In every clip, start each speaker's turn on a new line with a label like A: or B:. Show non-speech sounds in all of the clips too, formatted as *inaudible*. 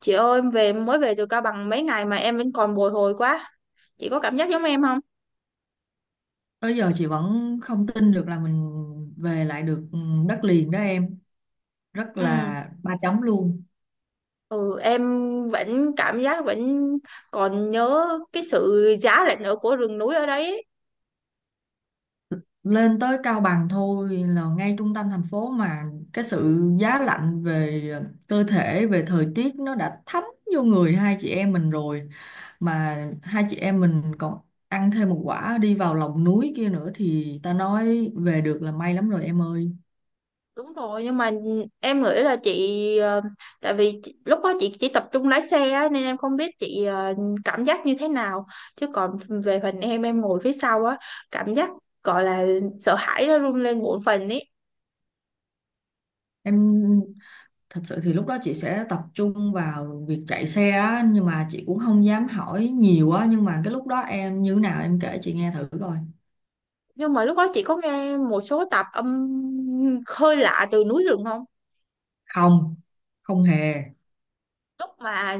A: Chị ơi, em về em mới về từ Cao Bằng mấy ngày mà em vẫn còn bồi hồi quá. Chị có cảm giác giống em không?
B: Tới giờ chị vẫn không tin được là mình về lại được đất liền đó em. Rất
A: Ừ.
B: là ba chấm luôn.
A: Ừ, em vẫn cảm giác vẫn còn nhớ cái sự giá lạnh ở của rừng núi ở đấy.
B: Lên tới Cao Bằng thôi là ngay trung tâm thành phố mà cái sự giá lạnh về cơ thể, về thời tiết nó đã thấm vô người hai chị em mình rồi. Mà hai chị em mình còn ăn thêm một quả đi vào lòng núi kia nữa thì ta nói về được là may lắm rồi em ơi.
A: Đúng rồi, nhưng mà em nghĩ là chị tại vì lúc đó chị chỉ tập trung lái xe á, nên em không biết chị cảm giác như thế nào. Chứ còn về phần em ngồi phía sau á, cảm giác gọi là sợ hãi nó run lên bộn phần ấy.
B: Em, thật sự thì lúc đó chị sẽ tập trung vào việc chạy xe á, nhưng mà chị cũng không dám hỏi nhiều á, nhưng mà cái lúc đó em như thế nào em kể chị nghe thử coi.
A: Nhưng mà lúc đó chị có nghe một số tạp âm khơi lạ từ núi rừng không?
B: Không, không hề.
A: Lúc mà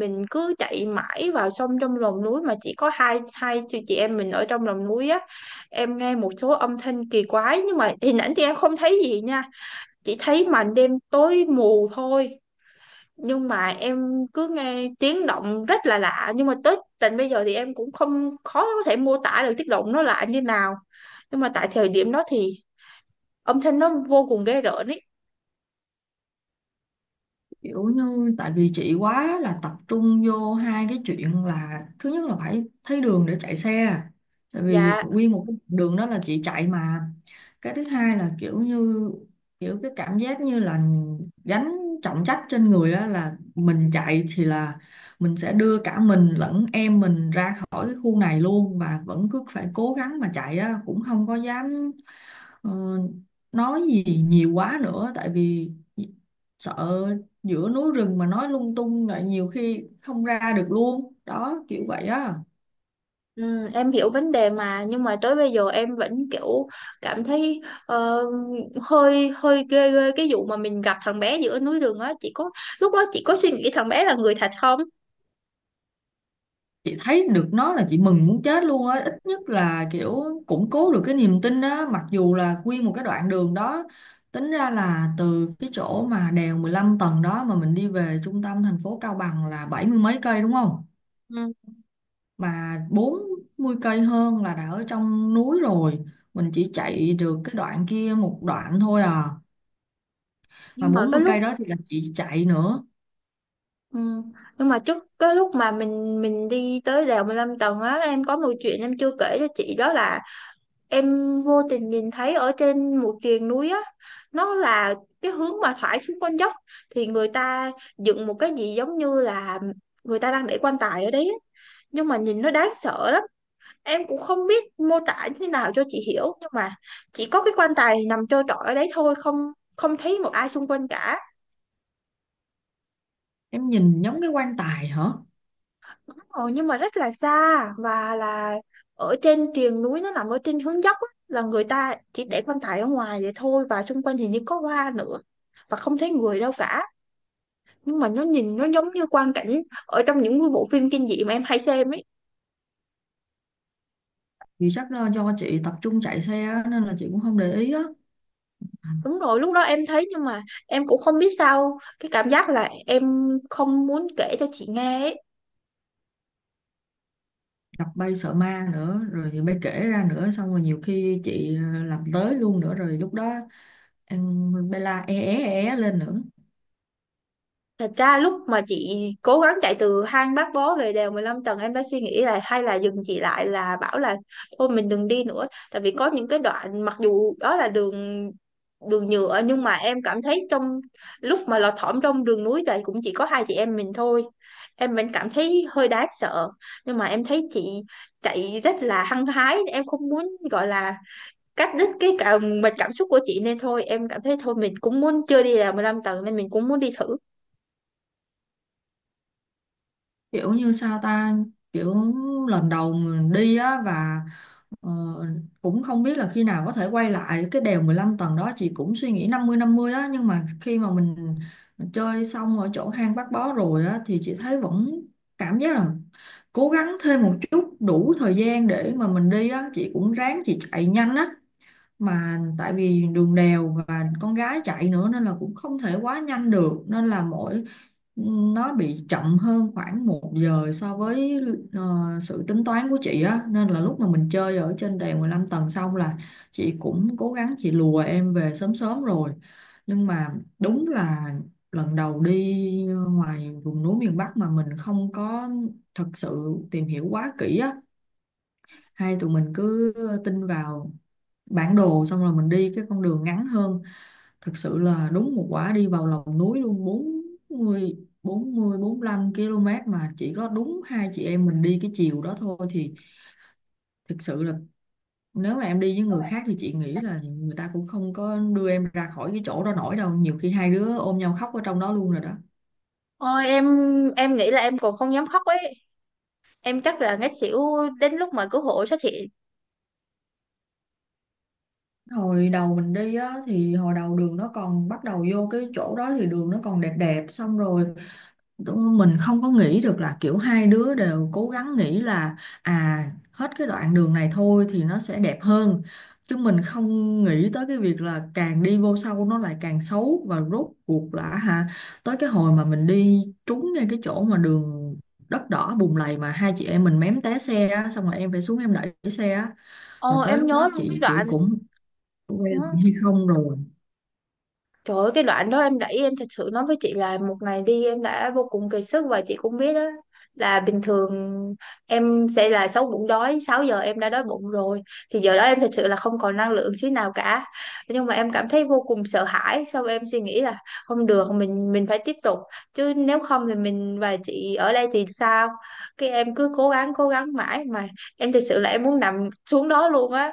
A: mình cứ chạy mãi vào sông trong lòng núi mà chỉ có hai hai chị em mình ở trong lòng núi á, em nghe một số âm thanh kỳ quái nhưng mà hình ảnh thì em không thấy gì nha, chỉ thấy màn đêm tối mù thôi. Nhưng mà em cứ nghe tiếng động rất là lạ, nhưng mà tới tận bây giờ thì em cũng không khó có thể mô tả được tiếng động nó lạ như nào, nhưng mà tại thời điểm đó thì âm thanh nó vô cùng ghê rợn ấy.
B: Kiểu như tại vì chị quá là tập trung vô hai cái chuyện là thứ nhất là phải thấy đường để chạy xe, tại vì
A: Dạ.
B: nguyên một cái đường đó là chị chạy mà. Cái thứ hai là kiểu như kiểu cái cảm giác như là gánh trọng trách trên người á, là mình chạy thì là mình sẽ đưa cả mình lẫn em mình ra khỏi cái khu này luôn và vẫn cứ phải cố gắng mà chạy á, cũng không có dám ờ, nói gì nhiều quá nữa, tại vì sợ giữa núi rừng mà nói lung tung lại nhiều khi không ra được luôn đó, kiểu vậy á.
A: Ừ, em hiểu vấn đề mà nhưng mà tới bây giờ em vẫn kiểu cảm thấy ờ, hơi hơi ghê ghê cái vụ mà mình gặp thằng bé giữa núi đường á, chị có lúc đó chị có suy nghĩ thằng bé là người thật không?
B: Chị thấy được nó là chị mừng muốn chết luôn á, ít nhất là kiểu củng cố được cái niềm tin á, mặc dù là nguyên một cái đoạn đường đó, tính ra là từ cái chỗ mà đèo 15 tầng đó mà mình đi về trung tâm thành phố Cao Bằng là bảy mươi mấy cây đúng không?
A: Ừ.
B: Mà 40 cây hơn là đã ở trong núi rồi, mình chỉ
A: Ừ.
B: chạy được cái đoạn kia một đoạn thôi à. Mà
A: Nhưng mà cái
B: 40
A: lúc
B: cây đó thì là chị chạy nữa.
A: ừ, nhưng mà trước cái lúc mà mình đi tới đèo 15 tầng á, em có một chuyện em chưa kể cho chị đó là em vô tình nhìn thấy ở trên một triền núi á, nó là cái hướng mà thoải xuống con dốc thì người ta dựng một cái gì giống như là người ta đang để quan tài ở đấy á. Nhưng mà nhìn nó đáng sợ lắm, em cũng không biết mô tả như thế nào cho chị hiểu, nhưng mà chỉ có cái quan tài nằm trơ trọi ở đấy thôi, không không thấy một ai xung quanh cả.
B: Em nhìn giống cái quan tài hả?
A: Đúng rồi, nhưng mà rất là xa và là ở trên triền núi, nó nằm ở trên hướng dốc á, là người ta chỉ để quan tài ở ngoài vậy thôi, và xung quanh thì như có hoa nữa, và không thấy người đâu cả. Nhưng mà nó nhìn nó giống như quang cảnh ở trong những cái bộ phim kinh dị mà em hay xem ấy.
B: Vì chắc là do chị tập trung chạy xe á, nên là chị cũng không để ý á. Ừ.
A: Đúng rồi, lúc đó em thấy nhưng mà em cũng không biết sao, cái cảm giác là em không muốn kể cho chị nghe ấy.
B: Gặp bay sợ ma nữa, rồi thì bay kể ra nữa, xong rồi nhiều khi chị làm tới luôn nữa, rồi lúc đó em bay la é é e, é lên nữa.
A: Thật ra lúc mà chị cố gắng chạy từ hang Bác Bó về đèo 15 tầng, em đã suy nghĩ là hay là dừng chị lại là bảo là thôi mình đừng đi nữa, tại vì có những cái đoạn mặc dù đó là đường đường nhựa nhưng mà em cảm thấy trong lúc mà lọt thỏm trong đường núi thì cũng chỉ có hai chị em mình thôi, em vẫn cảm thấy hơi đáng sợ. Nhưng mà em thấy chị chạy rất là hăng hái, em không muốn gọi là cắt đứt mạch cảm xúc của chị, nên thôi em cảm thấy thôi mình cũng muốn chưa đi đèo 15 tầng nên mình cũng muốn đi thử.
B: Kiểu như sao ta, kiểu lần đầu mình đi á và ờ, cũng không biết là khi nào có thể quay lại cái đèo 15 tầng đó, chị cũng suy nghĩ năm mươi á, nhưng mà khi mà mình chơi xong ở chỗ hang Bác Bó rồi á thì chị thấy vẫn cảm giác là cố gắng thêm một chút đủ thời gian để mà mình đi á, chị cũng ráng chị chạy nhanh á. Mà tại vì đường đèo và con gái chạy nữa nên là cũng không thể quá nhanh được, nên là mỗi nó bị chậm hơn khoảng một giờ so với sự tính toán của chị á, nên là lúc mà mình chơi ở trên đèo 15 tầng xong là chị cũng cố gắng chị lùa em về sớm sớm rồi. Nhưng mà đúng là lần đầu đi ngoài vùng núi miền Bắc mà mình không có thật sự tìm hiểu quá kỹ á, hay tụi mình cứ tin vào bản đồ xong rồi mình đi cái con đường ngắn hơn, thực sự là đúng một quả đi vào lòng núi luôn. 40 45 km mà chỉ có đúng hai chị em mình đi cái chiều đó thôi thì thực sự là nếu mà em đi với người khác thì chị nghĩ là người ta cũng không có đưa em ra khỏi cái chỗ đó nổi đâu, nhiều khi hai đứa ôm nhau khóc ở trong đó luôn rồi đó.
A: Ôi, em nghĩ là em còn không dám khóc ấy. Em chắc là ngất xỉu đến lúc mà cứu hộ xuất hiện.
B: Hồi đầu mình đi á thì hồi đầu đường nó còn bắt đầu vô cái chỗ đó thì đường nó còn đẹp đẹp, xong rồi tụi mình không có nghĩ được là kiểu hai đứa đều cố gắng nghĩ là à, hết cái đoạn đường này thôi thì nó sẽ đẹp hơn, chứ mình không nghĩ tới cái việc là càng đi vô sâu nó lại càng xấu, và rốt cuộc là hả, tới cái hồi mà mình đi trúng ngay cái chỗ mà đường đất đỏ bùn lầy mà hai chị em mình mém té xe á, xong rồi em phải xuống em đẩy cái xe á, là
A: Ồ,
B: tới
A: em
B: lúc đó
A: nhớ luôn cái
B: chị kiểu
A: đoạn.
B: cũng quay
A: Ừ.
B: lại hay không rồi.
A: Trời ơi, cái đoạn đó em đẩy, em thật sự nói với chị là một ngày đi em đã vô cùng kiệt sức, và chị cũng biết đó, là bình thường em sẽ là 6 giờ em đã đói bụng rồi, thì giờ đó em thật sự là không còn năng lượng chút nào cả. Nhưng mà em cảm thấy vô cùng sợ hãi, sau em suy nghĩ là không được, mình phải tiếp tục, chứ nếu không thì mình và chị ở đây thì sao. Cái em cứ cố gắng mãi mà em thật sự là em muốn nằm xuống đó luôn á.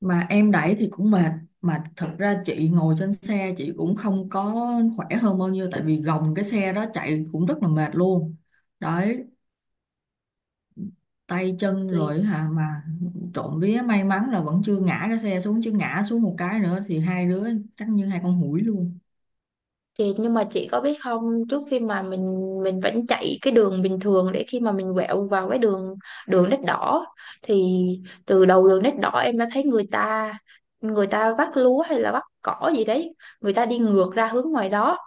B: Mà em đẩy thì cũng mệt, mà thật ra chị ngồi trên xe chị cũng không có khỏe hơn bao nhiêu, tại vì gồng cái xe đó chạy cũng rất là mệt luôn đấy, tay chân
A: Chị.
B: rồi hả. Mà trộm vía may mắn là vẫn chưa ngã cái xe xuống, chứ ngã xuống một cái nữa thì hai đứa chắc như hai con hủi luôn.
A: Thì nhưng mà chị có biết không, trước khi mà mình vẫn chạy cái đường bình thường, để khi mà mình quẹo vào cái đường đường nít đỏ thì từ đầu đường nít đỏ em đã thấy người ta vác lúa hay là vác cỏ gì đấy, người ta đi ngược ra hướng ngoài đó,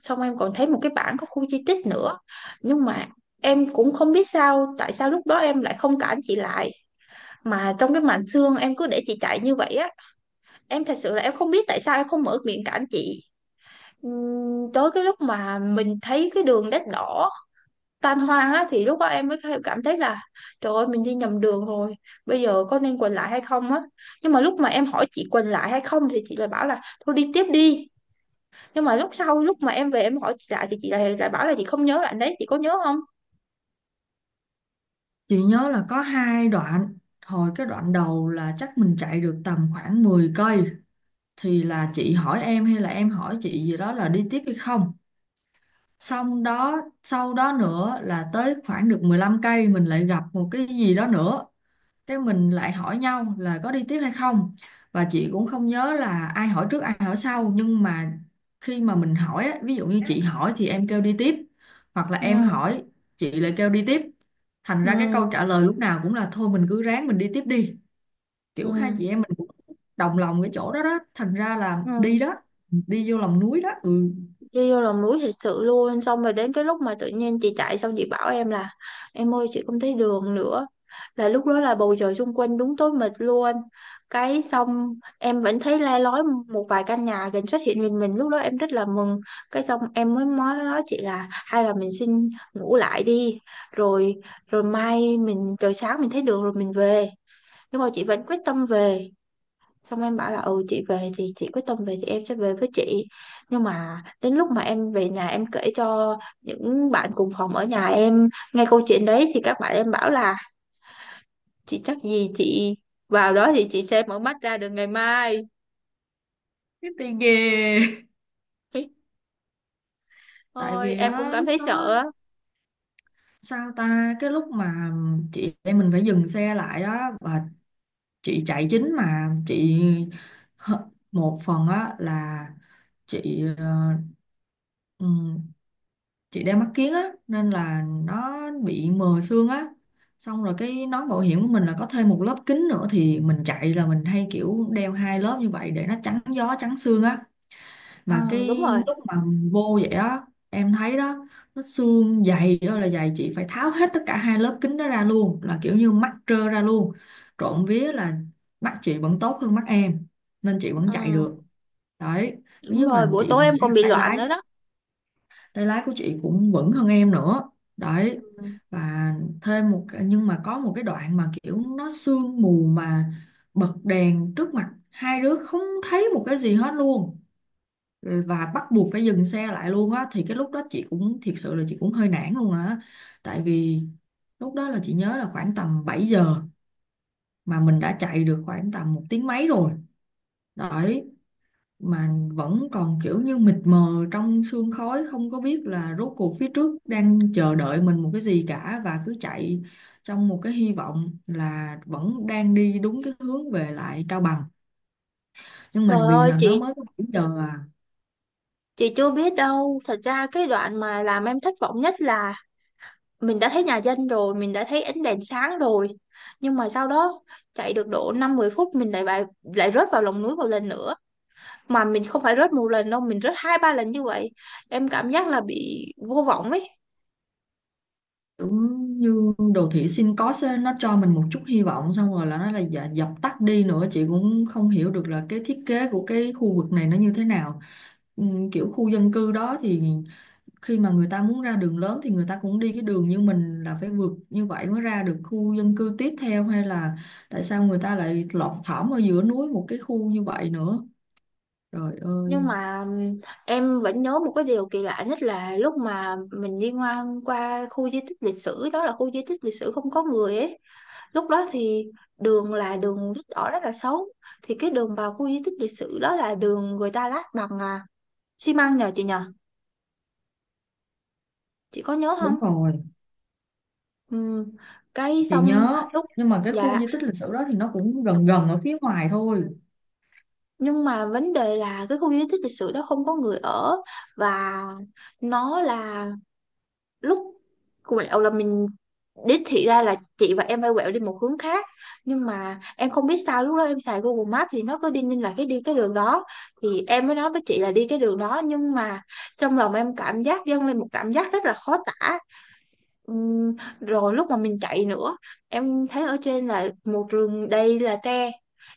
A: xong em còn thấy một cái bảng có khu di tích nữa, nhưng mà em cũng không biết sao tại sao lúc đó em lại không cản chị lại, mà trong cái màn sương em cứ để chị chạy như vậy á, em thật sự là em không biết tại sao em không mở miệng cản chị. Tới cái lúc mà mình thấy cái đường đất đỏ tan hoang á thì lúc đó em mới cảm thấy là trời ơi mình đi nhầm đường rồi, bây giờ có nên quay lại hay không á. Nhưng mà lúc mà em hỏi chị quay lại hay không thì chị lại bảo là thôi đi tiếp đi. Nhưng mà lúc sau lúc mà em về em hỏi chị lại thì chị lại lại bảo là chị không nhớ đoạn đấy, chị có nhớ không?
B: Chị nhớ là có hai đoạn. Hồi cái đoạn đầu là chắc mình chạy được tầm khoảng 10 cây thì là chị hỏi em hay là em hỏi chị gì đó là đi tiếp hay không, xong đó sau đó nữa là tới khoảng được 15 cây mình lại gặp một cái gì đó nữa, cái mình lại hỏi nhau là có đi tiếp hay không. Và chị cũng không nhớ là ai hỏi trước ai hỏi sau, nhưng mà khi mà mình hỏi á, ví dụ như chị hỏi thì em kêu đi tiếp, hoặc là em
A: Ừ.
B: hỏi chị lại kêu đi tiếp, thành ra cái
A: Ừ.
B: câu trả lời lúc nào cũng là thôi mình cứ ráng mình đi tiếp đi.
A: Ừ.
B: Kiểu hai chị em mình cũng đồng lòng cái chỗ đó đó, thành ra là
A: Ừ.
B: đi đó, đi vô lòng núi đó, ừ.
A: Đi vô lòng núi thật sự luôn, xong rồi đến cái lúc mà tự nhiên chị chạy xong chị bảo em là em ơi chị không thấy đường nữa, là lúc đó là bầu trời xung quanh đúng tối mịt luôn. Cái xong em vẫn thấy le lói một vài căn nhà gần xuất hiện nhìn mình, lúc đó em rất là mừng. Cái xong em mới nói chị là hay là mình xin ngủ lại đi, rồi rồi mai mình trời sáng mình thấy đường rồi mình về. Nhưng mà chị vẫn quyết tâm về, xong em bảo là ừ chị về thì chị quyết tâm về thì em sẽ về với chị. Nhưng mà đến lúc mà em về nhà em kể cho những bạn cùng phòng ở nhà em nghe câu chuyện đấy thì các bạn em bảo là chị chắc gì chị vào đó thì chị sẽ mở mắt ra được ngày mai.
B: Cái đi ghê.
A: *laughs*
B: Tại
A: Ôi,
B: vì
A: em cũng
B: á
A: cảm
B: lúc
A: thấy
B: đó
A: sợ á.
B: sao ta, cái lúc mà chị em mình phải dừng xe lại á, và chị chạy chính mà chị một phần á là chị, ừm, chị đeo mắt kiếng á nên là nó bị mờ xương á, xong rồi cái nón bảo hiểm của mình là có thêm một lớp kính nữa, thì mình chạy là mình hay kiểu đeo hai lớp như vậy để nó chắn gió chắn xương á.
A: Ừ.
B: Mà
A: Đúng
B: cái
A: rồi.
B: lúc mà vô vậy á, em thấy đó, nó xương dày đó là dày, chị phải tháo hết tất cả hai lớp kính đó ra luôn, là kiểu như mắt trơ ra luôn. Trộm vía là mắt chị vẫn tốt hơn mắt em nên chị vẫn chạy được
A: Ừ.
B: đấy. Thứ
A: Đúng
B: nhất
A: rồi,
B: là
A: buổi
B: chị
A: tối
B: nghĩ
A: em
B: là
A: còn bị
B: tay
A: loạn
B: lái
A: nữa đó.
B: tay lái của chị cũng vững hơn em nữa đấy.
A: Ừ.
B: Và thêm một nhưng mà có một cái đoạn mà kiểu nó sương mù mà bật đèn trước mặt hai đứa không thấy một cái gì hết luôn. Ừ, và bắt buộc phải dừng xe lại luôn á, thì cái lúc đó chị cũng thiệt sự là chị cũng hơi nản luôn á. Tại vì lúc đó là chị nhớ là khoảng tầm 7 giờ mà mình đã chạy được khoảng tầm một tiếng mấy rồi đấy, mà vẫn còn kiểu như mịt mờ trong sương khói, không có biết là rốt cuộc phía trước đang chờ đợi mình một cái gì cả, và cứ chạy trong một cái hy vọng là vẫn đang đi đúng cái hướng về lại Cao Bằng. Nhưng mà
A: Trời
B: vì
A: ơi
B: là nó
A: chị
B: mới có 7 giờ à.
A: chị chưa biết đâu, thật ra cái đoạn mà làm em thất vọng nhất là mình đã thấy nhà dân rồi, mình đã thấy ánh đèn sáng rồi, nhưng mà sau đó chạy được độ 5, 10 phút mình lại lại lại rớt vào lòng núi một lần nữa. Mà mình không phải rớt một lần đâu, mình rớt 2, 3 lần như vậy, em cảm giác là bị vô vọng ấy.
B: Đúng như đồ thị sinh có á, nó cho mình một chút hy vọng xong rồi là nó là dập tắt đi nữa, chị cũng không hiểu được là cái thiết kế của cái khu vực này nó như thế nào. Kiểu khu dân cư đó thì khi mà người ta muốn ra đường lớn thì người ta cũng đi cái đường như mình là phải vượt như vậy mới ra được khu dân cư tiếp theo, hay là tại sao người ta lại lọt thỏm ở giữa núi một cái khu như vậy nữa. Trời ơi.
A: Nhưng mà em vẫn nhớ một cái điều kỳ lạ nhất là lúc mà mình đi ngang qua khu di tích lịch sử, đó là khu di tích lịch sử không có người ấy. Lúc đó thì đường là đường đất đỏ rất là xấu, thì cái đường vào khu di tích lịch sử đó là đường người ta lát bằng xi măng nhờ chị nhỉ, chị có nhớ
B: Đúng
A: không?
B: rồi,
A: Ừ. cái
B: chị
A: xong
B: nhớ.
A: lúc
B: Nhưng mà cái khu
A: Dạ.
B: di tích lịch sử đó thì nó cũng gần gần ở phía ngoài thôi.
A: Nhưng mà vấn đề là cái khu di tích lịch sử đó không có người ở, và nó là lúc quẹo là mình đích thị ra là chị và em phải quẹo đi một hướng khác. Nhưng mà em không biết sao lúc đó em xài Google Maps thì nó cứ đi, nên là cái đi cái đường đó, thì em mới nói với chị là đi cái đường đó, nhưng mà trong lòng em cảm giác dâng lên một cảm giác rất là khó tả. Ừm, Rồi lúc mà mình chạy nữa, em thấy ở trên là một rừng đầy là tre,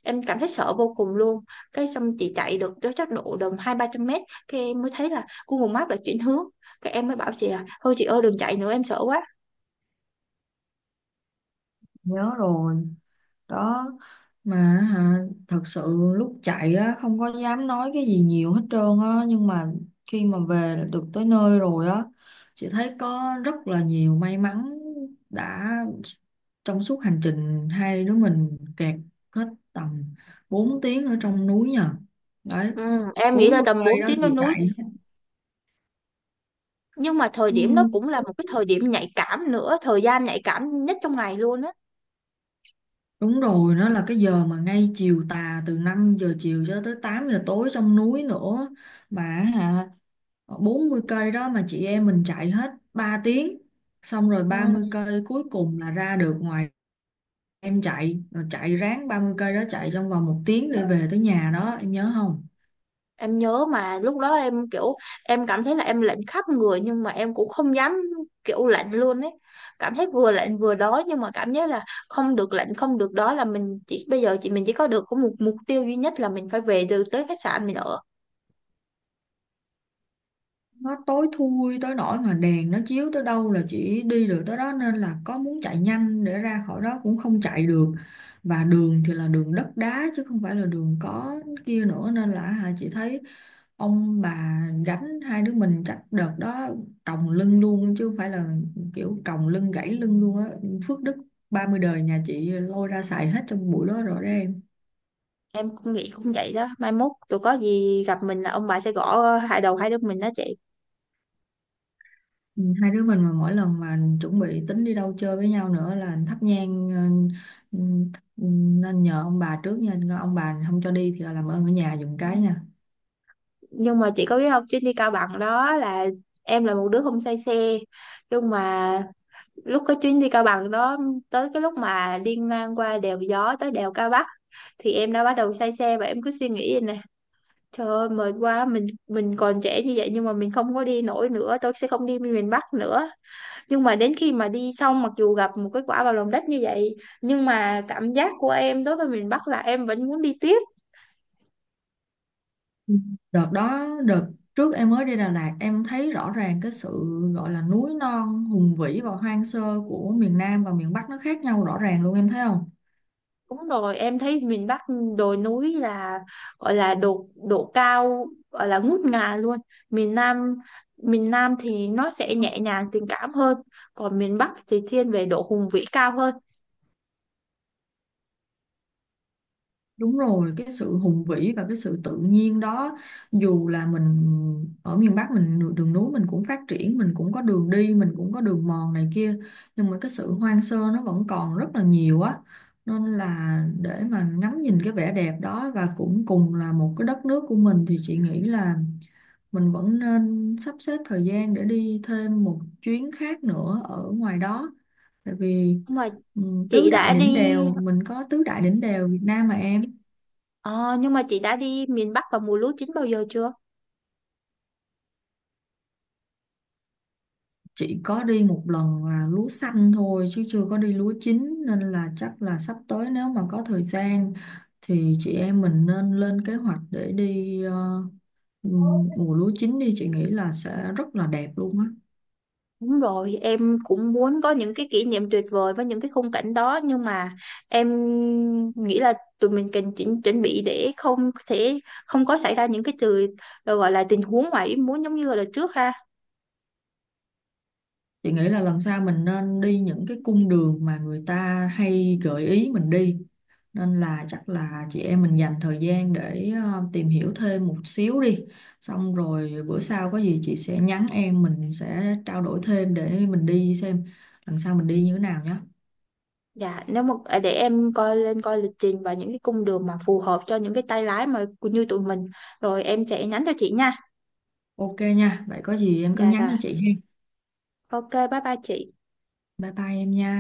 A: em cảm thấy sợ vô cùng luôn. Cái xong chị chạy được tới chắc độ tầm 200, 300 mét, cái em mới thấy là Google Maps đã chuyển hướng, cái em mới bảo chị là thôi chị ơi đừng chạy nữa em sợ quá.
B: Nhớ rồi đó. Mà hả, thật sự lúc chạy á không có dám nói cái gì nhiều hết trơn á, nhưng mà khi mà về được tới nơi rồi á, chị thấy có rất là nhiều may mắn đã, trong suốt hành trình hai đứa mình kẹt hết tầm 4 tiếng ở trong núi nhờ đấy.
A: Em nghĩ
B: Bốn
A: là
B: mươi
A: tầm
B: cây
A: 4
B: đó
A: tiếng lên
B: chị
A: núi.
B: chạy.
A: Nhưng mà thời
B: ừ,
A: điểm đó cũng là một cái thời điểm nhạy cảm nữa, thời gian nhạy cảm nhất trong ngày luôn á.
B: Đúng rồi, nó là cái giờ mà ngay chiều tà từ 5 giờ chiều cho tới 8 giờ tối trong núi nữa. Mà hả, 40 cây đó mà chị em mình chạy hết 3 tiếng. Xong rồi 30 cây cuối cùng là ra được ngoài, em chạy. Rồi chạy ráng 30 cây đó chạy trong vòng một tiếng để về tới nhà đó, em nhớ không?
A: Em nhớ mà lúc đó em kiểu em cảm thấy là em lạnh khắp người nhưng mà em cũng không dám, kiểu lạnh luôn ấy, cảm thấy vừa lạnh vừa đói, nhưng mà cảm giác là không được lạnh không được đói, là mình chỉ bây giờ chị mình chỉ có được có một mục tiêu duy nhất là mình phải về được tới khách sạn mình ở.
B: Nó tối thui tới nỗi mà đèn nó chiếu tới đâu là chỉ đi được tới đó, nên là có muốn chạy nhanh để ra khỏi đó cũng không chạy được. Và đường thì là đường đất đá chứ không phải là đường có kia nữa, nên là hả, chị thấy ông bà gánh hai đứa mình chắc đợt đó còng lưng luôn chứ không phải là, kiểu còng lưng gãy lưng luôn á. Phước đức 30 đời nhà chị lôi ra xài hết trong buổi đó rồi đấy.
A: Em cũng nghĩ cũng vậy đó, mai mốt tụi có gì gặp mình là ông bà sẽ gõ hai đầu hai đứa mình đó chị.
B: Ừ, hai đứa mình mà mỗi lần mà chuẩn bị tính đi đâu chơi với nhau nữa là thắp nhang, ừ, ừ, nên nhờ ông bà trước nha, ông bà không cho đi thì làm ơn ở nhà giùm cái nha.
A: Nhưng mà chị có biết không, chuyến đi Cao Bằng đó là em là một đứa không say xe, nhưng mà lúc có chuyến đi Cao Bằng đó, tới cái lúc mà liên mang qua đèo Gió tới đèo Cao Bắc thì em đã bắt đầu say xe, và em cứ suy nghĩ vậy nè, trời ơi mệt quá, mình còn trẻ như vậy nhưng mà mình không có đi nổi nữa, tôi sẽ không đi miền Bắc nữa. Nhưng mà đến khi mà đi xong mặc dù gặp một cái quả vào lòng đất như vậy, nhưng mà cảm giác của em đối với miền Bắc là em vẫn muốn đi tiếp.
B: Ừ. Đợt đó đợt trước em mới đi Đà Lạt, em thấy rõ ràng cái sự gọi là núi non hùng vĩ và hoang sơ của miền Nam và miền Bắc nó khác nhau rõ ràng luôn, em thấy không?
A: Đúng rồi, em thấy miền Bắc đồi núi là gọi là độ độ cao gọi là ngút ngàn luôn. Miền Nam miền Nam thì nó sẽ nhẹ nhàng tình cảm hơn, còn miền Bắc thì thiên về độ hùng vĩ cao hơn.
B: Đúng rồi, cái sự hùng vĩ và cái sự tự nhiên đó, dù là mình ở miền Bắc mình đường núi mình cũng phát triển, mình cũng có đường đi, mình cũng có đường mòn này kia, nhưng mà cái sự hoang sơ nó vẫn còn rất là nhiều á. Nên là để mà ngắm nhìn cái vẻ đẹp đó và cũng cùng là một cái đất nước của mình, thì chị nghĩ là mình vẫn nên sắp xếp thời gian để đi thêm một chuyến khác nữa ở ngoài đó. Tại vì
A: Nhưng mà
B: ừ, tứ
A: chị
B: đại
A: đã
B: đỉnh
A: đi
B: đèo, mình có tứ đại đỉnh đèo Việt Nam mà em.
A: ờ, nhưng mà chị đã đi miền Bắc vào mùa lúa chín bao giờ chưa?
B: Chị có đi một lần là lúa xanh thôi chứ chưa có đi lúa chín, nên là chắc là sắp tới nếu mà có thời gian thì chị em mình nên lên kế hoạch để đi, mùa lúa chín đi, chị nghĩ là sẽ rất là đẹp luôn á.
A: Đúng rồi, em cũng muốn có những cái kỷ niệm tuyệt vời với những cái khung cảnh đó, nhưng mà em nghĩ là tụi mình cần chuẩn bị để không thể không có xảy ra những cái từ gọi là tình huống ngoài ý muốn giống như là trước ha.
B: Chị nghĩ là lần sau mình nên đi những cái cung đường mà người ta hay gợi ý mình đi. Nên là chắc là chị em mình dành thời gian để tìm hiểu thêm một xíu đi. Xong rồi bữa sau có gì chị sẽ nhắn em, mình sẽ trao đổi thêm để mình đi xem lần sau mình đi như thế nào nhé.
A: Dạ, nếu mà để em coi lịch trình và những cái cung đường mà phù hợp cho những cái tay lái mà như tụi mình, rồi em sẽ nhắn cho chị nha.
B: Ok nha, vậy có gì em cứ
A: Dạ
B: nhắn
A: rồi.
B: cho chị ha.
A: OK, bye bye chị.
B: Bye bye em nha.